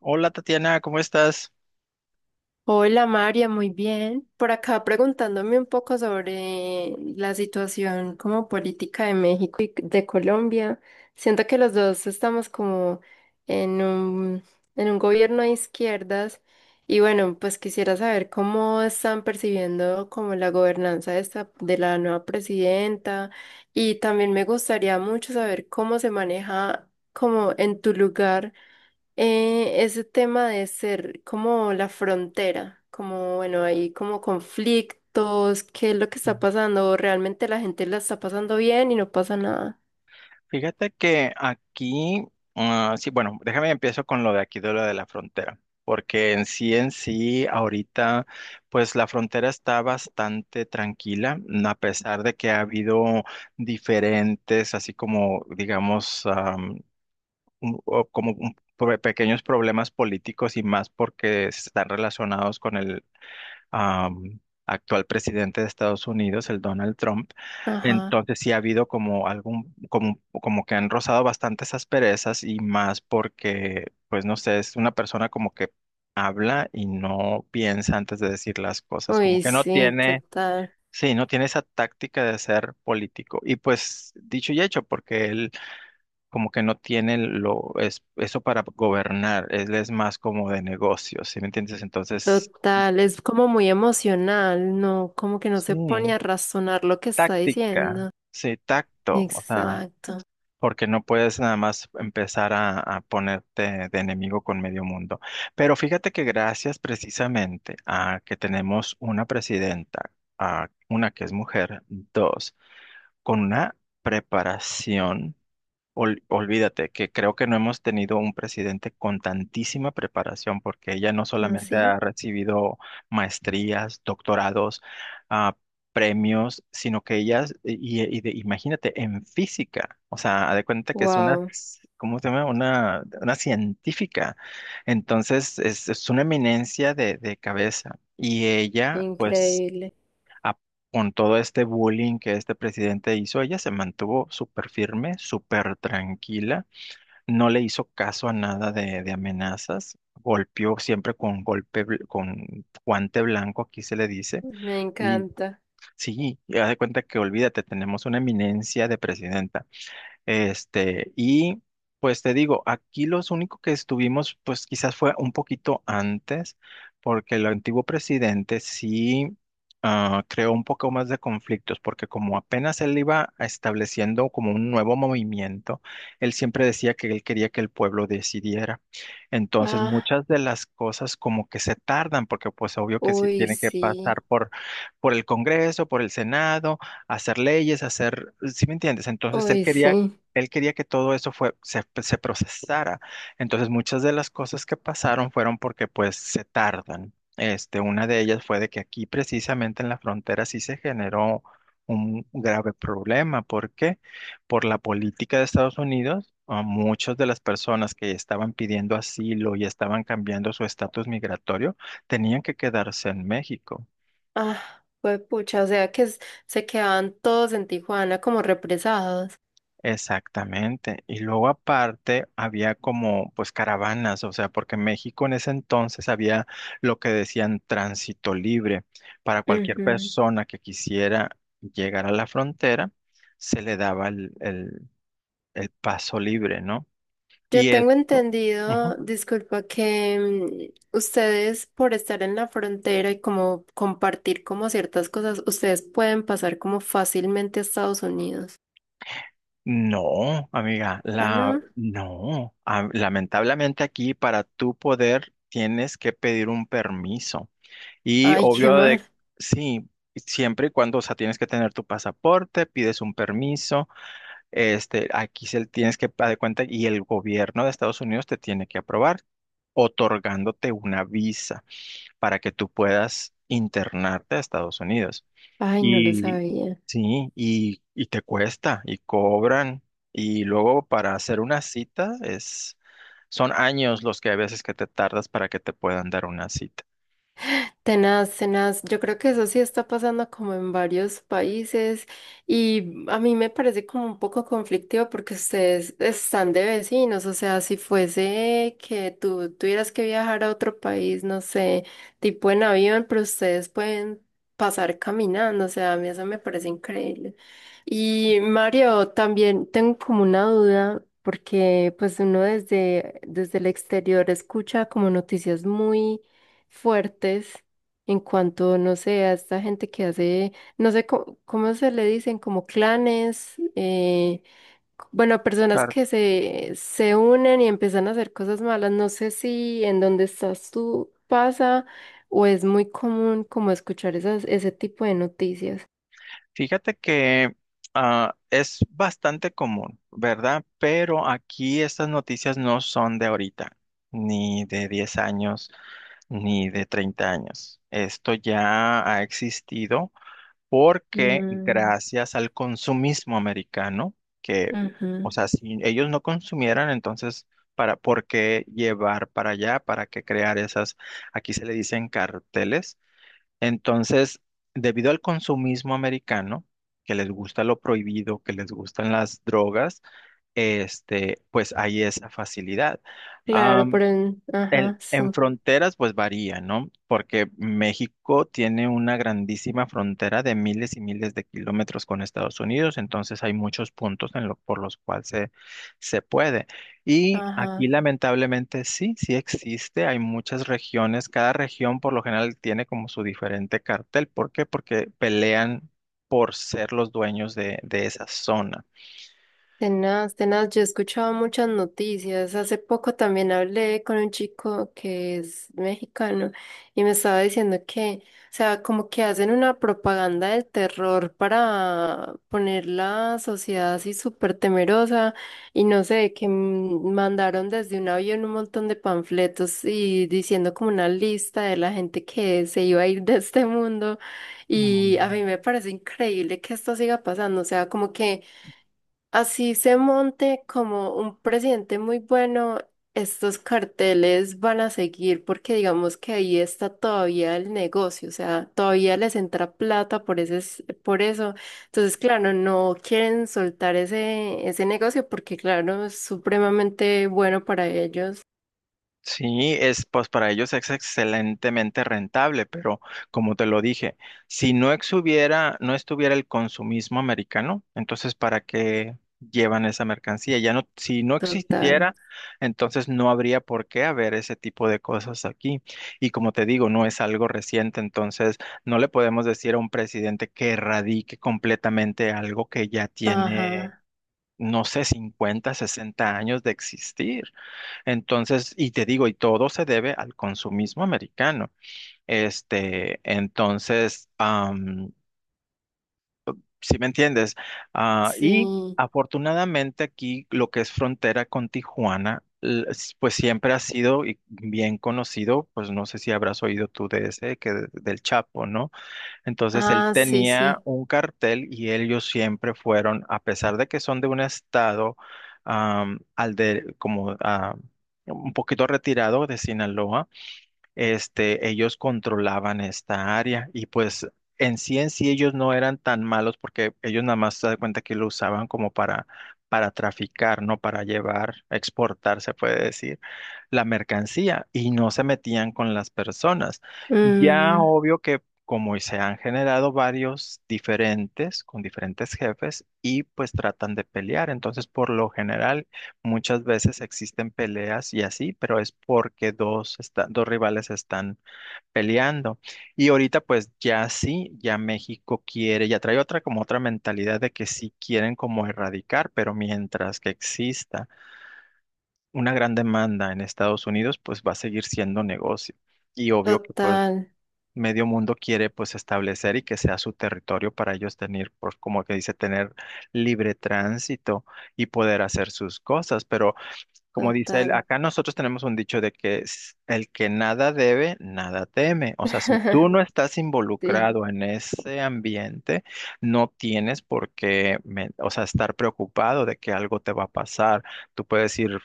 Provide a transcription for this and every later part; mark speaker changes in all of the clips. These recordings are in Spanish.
Speaker 1: Hola Tatiana, ¿cómo estás?
Speaker 2: Hola María, muy bien. Por acá preguntándome un poco sobre la situación como política de México y de Colombia. Siento que los dos estamos como en un, en un gobierno de izquierdas y bueno, pues quisiera saber cómo están percibiendo como la gobernanza de esta, de la nueva presidenta y también me gustaría mucho saber cómo se maneja como en tu lugar. Ese tema de ser como la frontera, como bueno, hay como conflictos, qué es lo que está pasando, realmente la gente la está pasando bien y no pasa nada.
Speaker 1: Fíjate que aquí, sí, bueno, déjame empiezo con lo de aquí, de lo de la frontera, porque en sí, ahorita, pues la frontera está bastante tranquila, mm, a pesar de que ha habido diferentes, así como, digamos, un- o como un- pro- pequeños problemas políticos y más porque están relacionados am, actual presidente de Estados Unidos, el Donald Trump.
Speaker 2: Ajá.
Speaker 1: Entonces sí ha habido como algún, como, como que han rozado bastantes asperezas y más porque, pues no sé, es una persona como que habla y no piensa antes de decir las cosas, como
Speaker 2: Uy,
Speaker 1: que no
Speaker 2: sí,
Speaker 1: tiene,
Speaker 2: total,
Speaker 1: sí, no tiene esa táctica de ser político. Y pues dicho y hecho, porque él como que no tiene lo, es, eso para gobernar, él es más como de negocios, ¿sí me entiendes? Entonces,
Speaker 2: total, es como muy emocional, ¿no? Como que no se pone
Speaker 1: sí.
Speaker 2: a razonar lo que está
Speaker 1: Táctica,
Speaker 2: diciendo.
Speaker 1: sí, tacto, o sea,
Speaker 2: Exacto,
Speaker 1: porque no puedes nada más empezar a ponerte de enemigo con medio mundo. Pero fíjate que gracias precisamente a que tenemos una presidenta, a una que es mujer, dos, con una preparación. Olvídate que creo que no hemos tenido un presidente con tantísima preparación, porque ella no solamente
Speaker 2: así.
Speaker 1: ha recibido maestrías, doctorados, ah, premios, sino que ella, imagínate, en física, o sea, haz de cuenta que es una,
Speaker 2: Wow,
Speaker 1: ¿cómo se llama? Una científica. Entonces, es una eminencia de cabeza. Y ella, pues
Speaker 2: increíble,
Speaker 1: a- con todo este bullying que este presidente hizo, ella se mantuvo súper firme, súper tranquila, no le hizo caso a nada de, de amenazas, golpeó siempre con golpe, con guante blanco, aquí se le dice,
Speaker 2: me
Speaker 1: y
Speaker 2: encanta.
Speaker 1: sí, ya de cuenta que olvídate, tenemos una eminencia de presidenta. Este, y pues te digo, aquí los únicos que estuvimos, pues quizás fue un poquito antes, porque el antiguo presidente sí creó un poco más de conflictos, porque como apenas él iba estableciendo como un nuevo movimiento, él siempre decía que él quería que el pueblo decidiera. Entonces,
Speaker 2: Ah,
Speaker 1: muchas de las cosas como que se tardan, porque pues obvio que sí
Speaker 2: uy,
Speaker 1: tiene que
Speaker 2: sí,
Speaker 1: pasar por el Congreso, por el Senado hacer leyes, hacer, ¿sí me entiendes?
Speaker 2: uy, sí.
Speaker 1: Él quería que todo eso fue, se procesara. Entonces, muchas de las cosas que pasaron fueron porque pues se tardan. Este, una de ellas fue de que aquí precisamente en la frontera sí se generó un grave problema. ¿Por qué? Por la política de Estados Unidos, a muchas de las personas que estaban pidiendo asilo y estaban cambiando su estatus migratorio tenían que quedarse en México.
Speaker 2: Ah, fue pucha, o sea que s- se quedaban todos en Tijuana como represados.
Speaker 1: Exactamente. Y luego aparte había como pues caravanas, o sea, porque México en ese entonces había lo que decían tránsito libre. Para cualquier
Speaker 2: Ujú.
Speaker 1: persona que quisiera llegar a la frontera, se le daba el paso libre, ¿no?
Speaker 2: Yo
Speaker 1: Y
Speaker 2: tengo
Speaker 1: esto,
Speaker 2: entendido,
Speaker 1: ujú.
Speaker 2: disculpa, que ustedes por estar en la frontera y como compartir como ciertas cosas, ustedes pueden pasar como fácilmente a Estados Unidos.
Speaker 1: No, amiga,
Speaker 2: Ah,
Speaker 1: la,
Speaker 2: no.
Speaker 1: no. Ah, lamentablemente aquí para tú poder tienes que pedir un permiso. Y
Speaker 2: Ay, qué
Speaker 1: obvio de,
Speaker 2: mal.
Speaker 1: sí, siempre y cuando, o sea, tienes que tener tu pasaporte, pides un permiso, este, aquí se tienes que dar cuenta y el gobierno de Estados Unidos te tiene que aprobar, otorgándote una visa para que tú puedas internarte a Estados Unidos.
Speaker 2: Ay, no lo
Speaker 1: Y
Speaker 2: sabía.
Speaker 1: sí, y te cuesta, y cobran, y luego para hacer una cita es, son años los que a veces que te tardas para que te puedan dar una cita.
Speaker 2: Tenaz, tenaz. Yo creo que eso sí está pasando como en varios países y a mí me parece como un poco conflictivo porque ustedes están de vecinos, o sea, si fuese que tú tuvieras que viajar a otro país, no sé, tipo en avión, pero ustedes pueden pasar caminando, o sea, a mí eso me parece increíble. Y Mario, también tengo como una duda. Porque pues uno desde el exterior escucha como noticias muy fuertes en cuanto, no sé, a esta gente que hace, no sé cómo, cómo se le dicen, como clanes, c- bueno, personas que se unen y empiezan a hacer cosas malas. No sé si en donde estás tú pasa o es muy común como escuchar esas, ese tipo de noticias.
Speaker 1: Fíjate que es bastante común, ¿verdad? Pero aquí estas noticias no son de ahorita, ni de 10 años, ni de 30 años. Esto ya ha existido porque
Speaker 2: Mm,
Speaker 1: gracias al consumismo americano, que, o
Speaker 2: ujú.
Speaker 1: sea, si ellos no consumieran, entonces, para, ¿por qué llevar para allá? ¿Para qué crear esas, aquí se le dicen carteles? Entonces, debido al consumismo americano, que les gusta lo prohibido, que les gustan las drogas, este, pues hay esa facilidad.
Speaker 2: Claro, por el, ajá,
Speaker 1: En,
Speaker 2: sí,
Speaker 1: en fronteras, pues varía, ¿no? Porque México tiene una grandísima frontera de miles y miles de kilómetros con Estados Unidos, entonces hay muchos puntos por los cuales se puede. Y aquí
Speaker 2: ajá.
Speaker 1: lamentablemente sí, sí existe, hay muchas regiones, cada región por lo general tiene como su diferente cartel. ¿Por qué? Porque pelean por ser los dueños de esa zona.
Speaker 2: Tenaz, tenaz, yo he escuchado muchas noticias. Hace poco también hablé con un chico que es mexicano y me estaba diciendo que, o sea, como que hacen una propaganda del terror para poner la sociedad así súper temerosa y no sé, que mandaron desde un avión un montón de panfletos y diciendo como una lista de la gente que se iba a ir de este mundo y a
Speaker 1: Mm.
Speaker 2: mí me parece increíble que esto siga pasando, o sea, como que... Así se monte como un presidente muy bueno, estos carteles van a seguir porque digamos que ahí está todavía el negocio, o sea, todavía les entra plata por ese, s- por eso. Entonces, claro, no quieren soltar ese, ese negocio porque, claro, es supremamente bueno para ellos.
Speaker 1: Sí, es pues para ellos es excelentemente rentable, pero como te lo dije, si no exhubiera, no estuviera el consumismo americano, entonces ¿para qué llevan esa mercancía? Ya no, si no
Speaker 2: Total.
Speaker 1: existiera, entonces no habría por qué haber ese tipo de cosas aquí. Y como te digo, no es algo reciente, entonces no le podemos decir a un presidente que erradique completamente algo que ya tiene
Speaker 2: Ajá.
Speaker 1: no sé, 50 60 años de existir. Entonces, y te digo, y todo se debe al consumismo americano. Este, entonces, si me entiendes, ah, y
Speaker 2: Sí.
Speaker 1: afortunadamente aquí lo que es frontera con Tijuana, pues siempre ha sido y bien conocido, pues no sé si habrás oído tú de ese, que del Chapo, ¿no? Entonces él
Speaker 2: Ah, sí,
Speaker 1: tenía
Speaker 2: sí.
Speaker 1: un cartel y ellos siempre fueron, a pesar de que son de un estado am, al de como ah, un poquito retirado de Sinaloa, este, ellos controlaban esta área y pues en sí ellos no eran tan malos porque ellos nada más se dan cuenta que lo usaban como para traficar, no para llevar, exportar, se puede decir la mercancía y no se metían con las personas. Ya
Speaker 2: Mm,
Speaker 1: obvio que como se han generado varios diferentes con diferentes jefes y pues tratan de pelear. Entonces, por lo general, muchas veces existen peleas y así, pero es porque dos, dos rivales están peleando. Y ahorita pues ya sí, ya México quiere, ya trae otra como otra mentalidad de que sí quieren como erradicar, pero mientras que exista una gran demanda en Estados Unidos, pues va a seguir siendo negocio. Y obvio que pues
Speaker 2: total,
Speaker 1: medio mundo quiere pues establecer y que sea su territorio para ellos tener, pues como que dice, tener libre tránsito y poder hacer sus cosas. Pero como dice él,
Speaker 2: total.
Speaker 1: acá nosotros tenemos un dicho de que el que nada debe, nada teme. O sea, si tú no estás
Speaker 2: Sí.
Speaker 1: involucrado en ese ambiente, no tienes por qué, o sea, estar preocupado de que algo te va a pasar. Tú puedes ir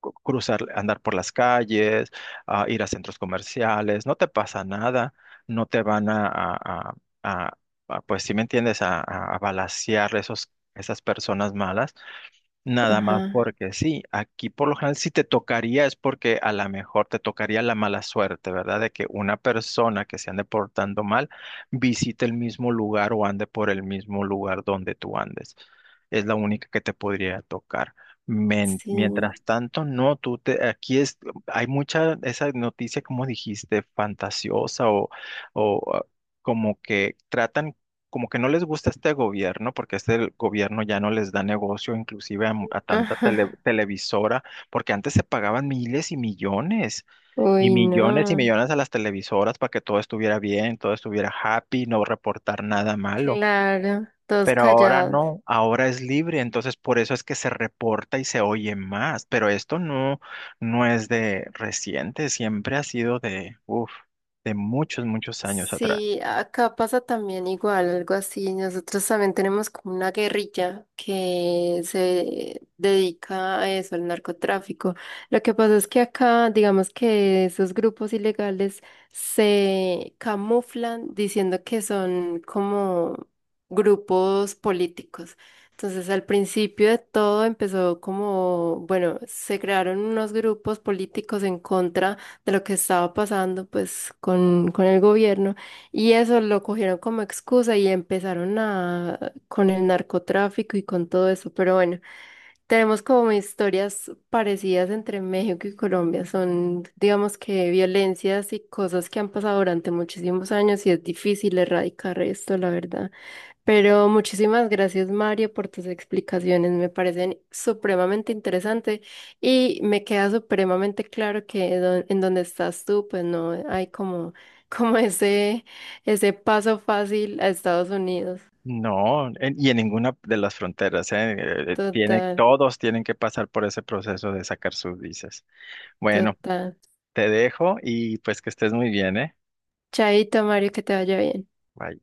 Speaker 1: cruzar, andar por las calles, ir a centros comerciales, no te pasa nada, no te van a- a- a, pues si me entiendes, a balacear esos, esas personas malas. Nada más
Speaker 2: Ajá.
Speaker 1: porque sí, aquí por lo general si te tocaría es porque a lo mejor te tocaría la mala suerte, ¿verdad? De que una persona que se ande portando mal visite el mismo lugar o ande por el mismo lugar donde tú andes. Es la única que te podría tocar.
Speaker 2: Sí.
Speaker 1: Mientras tanto, no, tú te, aquí es, hay mucha, esa noticia, como dijiste, fantasiosa o, o ah, como que tratan como que no les gusta este gobierno, porque este gobierno ya no les da negocio, inclusive a, a tanta
Speaker 2: Ajá.
Speaker 1: televisora, porque antes se pagaban miles y millones, y
Speaker 2: Uy,
Speaker 1: millones y
Speaker 2: no.
Speaker 1: millones a las televisoras para que todo estuviera bien, todo estuviera happy, no reportar nada malo.
Speaker 2: Claro, todos
Speaker 1: Pero ahora
Speaker 2: callados.
Speaker 1: no, ahora es libre, entonces por eso es que se reporta y se oye más. Pero esto no, no es de reciente, siempre ha sido de, uf, de muchos, muchos años atrás.
Speaker 2: Sí, acá pasa también igual, algo así. Nosotros también tenemos como una guerrilla que se dedica a eso, al narcotráfico. Lo que pasa es que acá, digamos que esos grupos ilegales se camuflan diciendo que son como grupos políticos. Entonces, al principio de todo empezó como, bueno, se crearon unos grupos políticos en contra de lo que estaba pasando pues con el gobierno y eso lo cogieron como excusa y empezaron a con el narcotráfico y con todo eso, pero bueno, tenemos como historias parecidas entre México y Colombia, son digamos que violencias y cosas que han pasado durante muchísimos años y es difícil erradicar esto, la verdad. Pero muchísimas gracias, Mario, por tus explicaciones. Me parecen supremamente interesantes y me queda supremamente claro que don- en donde estás tú, pues no hay como, como ese paso fácil a Estados Unidos.
Speaker 1: No, y en ninguna de las fronteras, ¿eh? Tiene,
Speaker 2: Total,
Speaker 1: todos tienen que pasar por ese proceso de sacar sus visas. Bueno,
Speaker 2: total.
Speaker 1: te dejo y pues que estés muy bien, ¿eh?
Speaker 2: Chaito, Mario, que te vaya bien.
Speaker 1: Bye.